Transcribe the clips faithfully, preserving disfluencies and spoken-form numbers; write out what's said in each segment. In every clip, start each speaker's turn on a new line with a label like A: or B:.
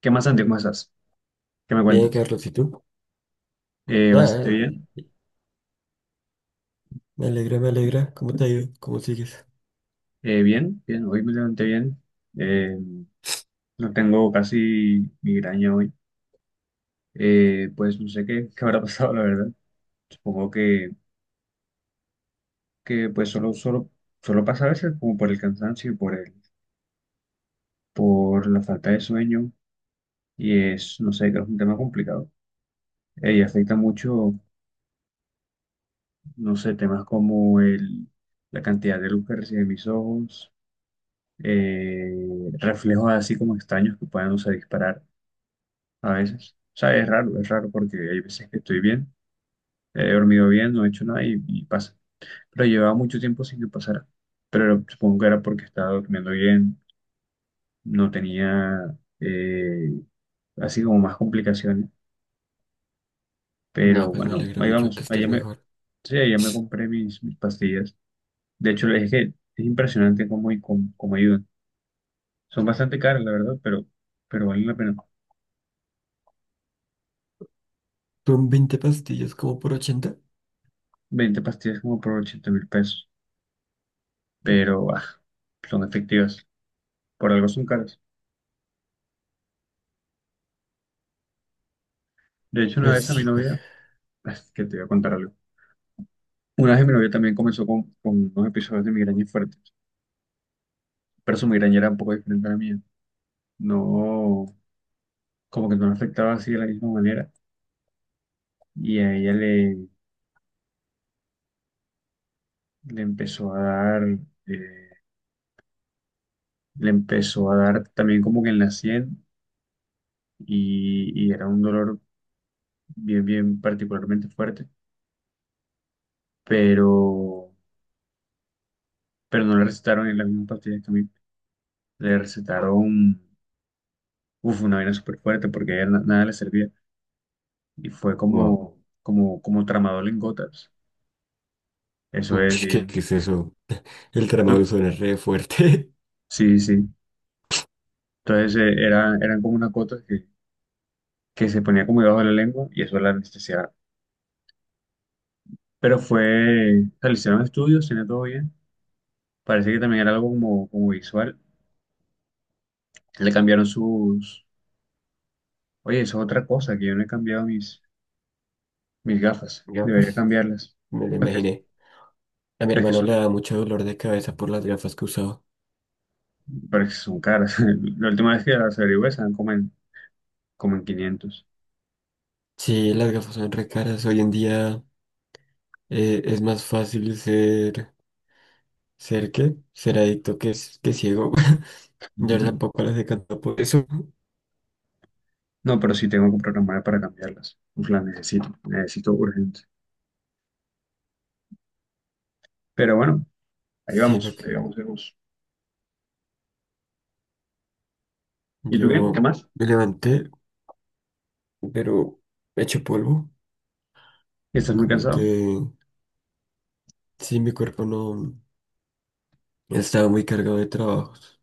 A: ¿Qué más, Santi? ¿Cómo estás? ¿Qué me
B: Bien,
A: cuentas?
B: Carlos, ¿y tú?
A: Eh,
B: Nada,
A: bastante bien.
B: eh, me alegra, me alegra. ¿Cómo te ha ido? ¿Cómo sigues?
A: Eh, bien, bien. Hoy me levanté bien. Eh, no tengo casi migraña hoy. Eh, pues no sé qué, qué habrá pasado, la verdad. Supongo que, que pues solo, solo, solo pasa a veces como por el cansancio y por el, por la falta de sueño. Y es, no sé, creo que es un tema complicado. Eh, y afecta mucho, no sé, temas como el, la cantidad de luz que reciben mis ojos, eh, reflejos así como extraños que puedan, no sé, disparar a veces. O sea, es raro, es raro porque hay veces que estoy bien, he dormido bien, no he hecho nada y, y pasa. Pero llevaba mucho tiempo sin que pasara. Pero supongo que era porque estaba durmiendo bien, no tenía eh, así como más complicaciones.
B: Nada,
A: Pero
B: pues me
A: bueno,
B: alegra
A: ahí
B: mucho que
A: vamos,
B: estés
A: allá me,
B: mejor.
A: sí, allá me compré mis, mis pastillas. De hecho, es que es impresionante cómo, y cómo, cómo ayudan. Son bastante caras, la verdad, pero, pero valen la pena.
B: ¿Son veinte pastillas como por ochenta?
A: Veinte pastillas como por ochenta mil pesos, pero ah, son efectivas. Por algo son caras. De hecho, una
B: Pues
A: vez a mi
B: sí, pues.
A: novia, es que te voy a contar algo. Una vez mi novia también comenzó con, con unos episodios de migraña fuertes, pero su migraña era un poco diferente a la mía. No, como que no la afectaba así de la misma manera. Y a ella le, le empezó a dar, eh, le empezó a dar también como que en la sien y, y era un dolor bien, bien particularmente fuerte, pero, pero no le recetaron en la misma pastilla que a mí. Le recetaron, uf, una vaina súper fuerte porque a ella na- nada le servía. Y fue
B: Wow.
A: como, como, como tramador en gotas. Eso
B: Uy,
A: es
B: ¿qué,
A: bien.
B: qué es eso? El
A: Du-
B: tramadol suena re fuerte.
A: Sí, sí. Entonces eh, era, eran como unas gotas que, que se ponía como debajo de la lengua y eso la anestesiaba. Pero fue, o sea, le hicieron estudios, tenía todo bien. Parece que también era algo como, como visual. Le cambiaron sus. Oye, eso es otra cosa, que yo no he cambiado mis, mis gafas. Debería
B: Gafas,
A: cambiarlas.
B: me lo
A: Es que,
B: imaginé. A mi
A: es que
B: hermano
A: son,
B: le da mucho dolor de cabeza por las gafas que usaba.
A: pero es que son caras. La última vez que las averigué estaban como en, como en quinientos.
B: Sí, las gafas son re caras. Hoy en día eh, es más fácil ser. ¿Ser qué? Ser adicto que, s- que ciego. Yo tampoco las he cantado por eso.
A: No, pero sí tengo que programar para cambiarlas. Pues las necesito, necesito urgente. Pero bueno, ahí
B: Sí,
A: vamos, ahí
B: porque
A: vamos, ahí vamos. ¿Y tú qué? ¿Qué
B: yo
A: más?
B: me levanté, pero hecho polvo.
A: ¿Estás muy
B: Como que
A: cansado?
B: sí, mi cuerpo no no estaba muy cargado de trabajos.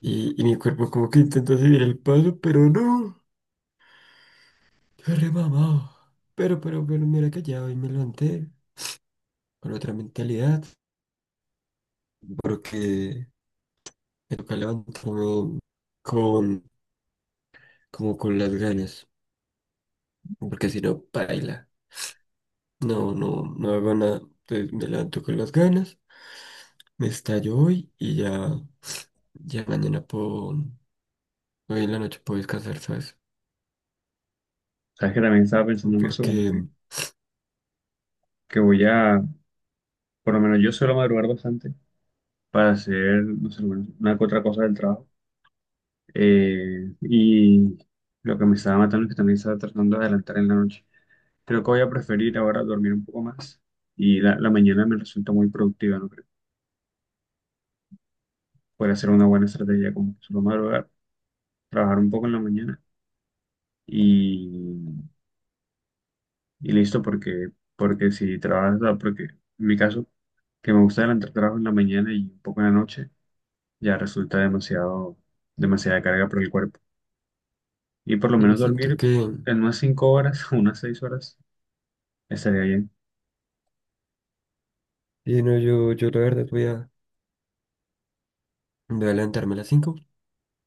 B: Y, y mi cuerpo como que intenta seguir el paso, pero no. Yo remamado. Pero, pero, pero mira que ya hoy me levanté con otra mentalidad. Porque me toca levantarme con, como con las ganas. Porque si no, baila. No, no, no hago nada. Entonces me levanto con las ganas. Me estallo hoy y ya. Ya mañana puedo, hoy en la noche puedo descansar, ¿sabes?
A: Sabes que también estaba pensando en eso, como
B: Porque
A: que, que voy a, por lo menos yo suelo madrugar bastante para hacer, no sé, bueno, una que otra cosa del trabajo. Eh, y lo que me estaba matando es que también estaba tratando de adelantar en la noche. Creo que voy a preferir ahora dormir un poco más y la, la mañana me resulta muy productiva, ¿no creo? Podría ser una buena estrategia como que solo madrugar trabajar un poco en la mañana y, y listo, porque, porque si trabajas, o sea, porque en mi caso, que me gusta adelantar trabajo en la mañana y un poco en la noche, ya resulta demasiado, demasiada carga para el cuerpo. Y por lo
B: eh,
A: menos
B: siento
A: dormir
B: que,
A: en unas cinco horas, unas seis horas, estaría bien.
B: sí, no, yo, yo la verdad voy a, voy a levantarme a las cinco,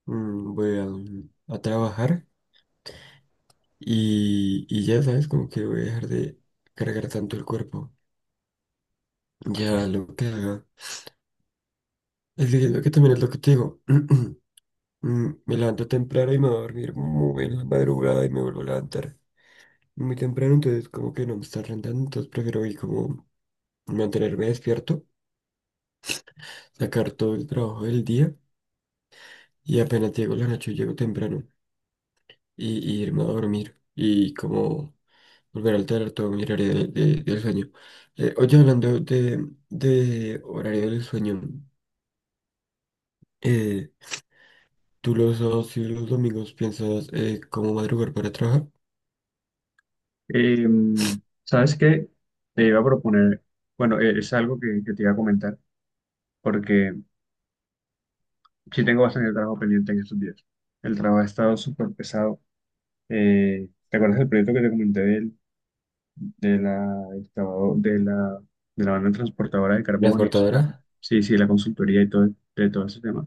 B: voy a, mm, a trabajar y, y ya, ¿sabes? Como que voy a dejar de cargar tanto el cuerpo. Ya lo que haga. Es que siento que también es lo que te digo. Mm, Me levanto temprano y me voy a dormir muy en la madrugada y me vuelvo a levantar muy temprano, entonces como que no me está rentando, entonces prefiero ir como mantenerme despierto, sacar todo el trabajo del día y apenas llego la noche, llego temprano y, y irme a dormir y como volver a alterar todo mi horario de- de- del sueño. Eh, oye, hablando de, de horario del sueño, eh, ¿tú los sábados y los domingos piensas eh, cómo madrugar para trabajar?
A: Eh, ¿Sabes qué? Te iba a proponer, bueno, eh, es algo que, que te iba a comentar, porque sí tengo bastante trabajo pendiente en estos días. El trabajo ha estado súper pesado. Eh, ¿te acuerdas del proyecto que te comenté de la, excavado- de la, de la banda transportadora de carbón y esa- la-
B: ¿Transportadora?
A: sí, sí, la consultoría y todo, de todo ese tema,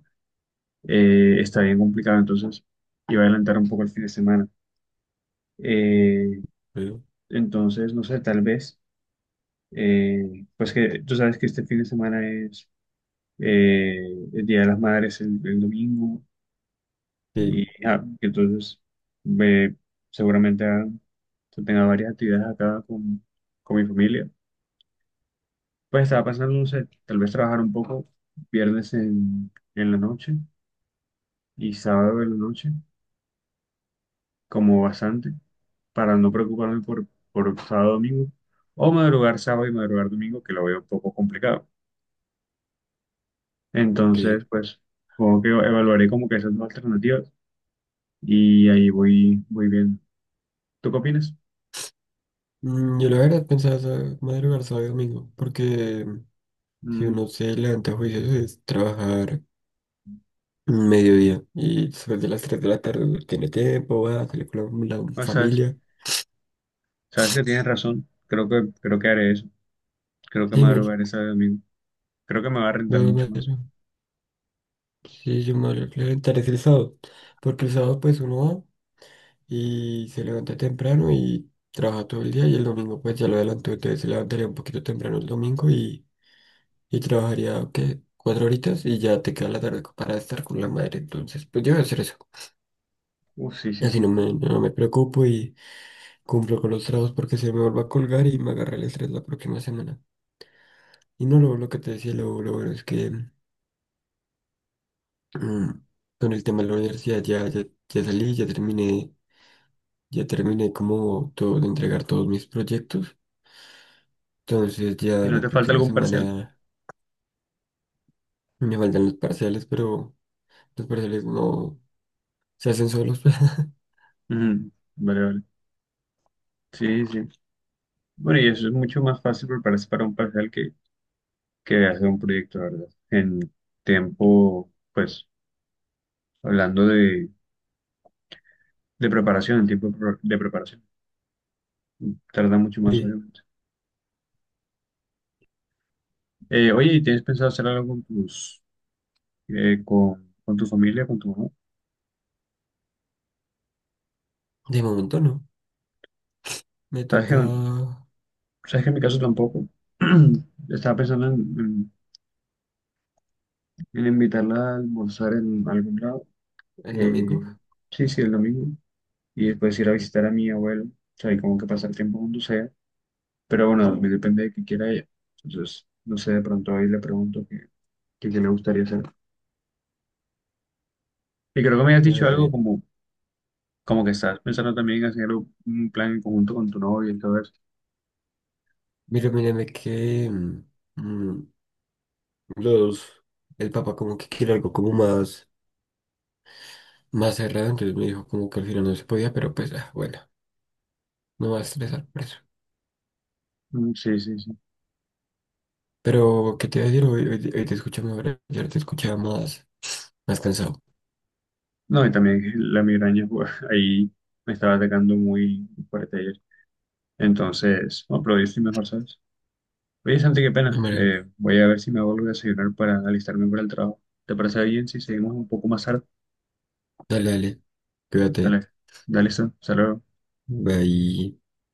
A: eh, está bien complicado, entonces iba a adelantar un poco el fin de semana? Eh,
B: Veo.
A: entonces, no sé, tal vez, eh, pues que tú sabes que este fin de semana es eh, el Día de las Madres, el, el domingo, y
B: Sí,
A: ah, entonces eh, seguramente ah, tenga varias actividades acá con, con mi familia. Pues estaba pensando, no sé, tal vez trabajar un poco viernes en, en la noche y sábado en la noche, como bastante, para no preocuparme por, por sábado, domingo, o madrugar sábado y madrugar domingo, que lo veo un poco complicado.
B: ok.
A: Entonces, pues, supongo que evaluaré como que esas dos alternativas y ahí voy, voy bien. ¿Tú qué opinas?
B: Mm, Yo la verdad pensaba sa- madrugar sábado y domingo porque si
A: Mm,
B: uno se levanta a juicios es trabajar. Mediodía. Y después de las tres de la tarde uno tiene tiempo, va a salir con la, la
A: pues, sabes,
B: familia.
A: sabes que tienes razón. Creo que, creo que haré eso. Creo que
B: Sí, no, yo,
A: madrugaré sábado y domingo. Creo que me va a rentar
B: no,
A: mucho
B: no,
A: más.
B: no. Sí, yo me voy a levantar es el sábado. Porque el sábado pues uno va y se levanta temprano y trabaja todo el día y el domingo pues ya lo adelantó. Entonces se levantaría un poquito temprano el domingo y, y trabajaría, ¿qué? Cuatro horitas y ya te queda la tarde para estar con la madre. Entonces pues yo voy a hacer eso.
A: Uh, sí,
B: Y
A: sí,
B: así no
A: sí.
B: me, no me preocupo y cumplo con los trabajos porque se me vuelva a colgar y me agarra el estrés la próxima semana. Y no, lo, lo que te decía, lo, lo bueno es que mm, con el tema de la universidad ya, ya, ya salí, ya terminé, ya terminé como todo de entregar todos mis proyectos. Entonces ya
A: ¿Y no
B: la
A: te falta
B: próxima
A: algún parcial?
B: semana me faltan los parciales, pero los parciales no se hacen solos.
A: Ujú, vale, vale. Sí, sí. Bueno, y eso es mucho más fácil prepararse para un parcial que, que hacer un proyecto, la verdad. En tiempo, pues, hablando de, de preparación, en tiempo pro- de preparación, tarda mucho más,
B: Sí,
A: obviamente. Eh, oye, ¿y tienes pensado hacer algo con tus, eh, con, con tu familia, con tu mamá?
B: de momento no. Me
A: ¿Sabes que,
B: toca
A: sabes que en mi caso tampoco? Estaba pensando en, en- en invitarla a almorzar en algún lado.
B: el domingo.
A: Eh, sí, sí, el domingo. Y después ir a visitar a mi abuelo, o sea, y como que pasar tiempo juntos allá. Pero bueno, también depende de qué quiera ella. Entonces, no sé, de pronto ahí le pregunto qué, qué, qué le gustaría hacer. Y creo que me has dicho algo
B: Bueno.
A: como, como que estás pensando también en hacer un plan en conjunto con tu novia y todo eso.
B: Mira, mírame que mm, mm, los, el papá como que quiere algo como más, más cerrado, entonces me dijo como que al final no se podía, pero pues ah, bueno, no me va a estresar por eso.
A: Mm, sí, sí, sí.
B: Pero, ¿qué te iba a decir? Hoy, hoy- te hoy te escuché mejor, ayer te escuchaba más, más cansado.
A: No, y también la migraña, pues, ahí me estaba atacando muy fuerte ayer. Entonces, no, pero yo estoy mejor, ¿sabes? Oye, Santi, qué
B: Me
A: pena.
B: alegra.
A: Eh, voy a ver si me vuelvo a desayunar para alistarme para el trabajo. ¿Te parece bien si seguimos un poco más tarde?
B: Dale, dale, cuídate,
A: Dale, dale, listo. Saludos.
B: bye.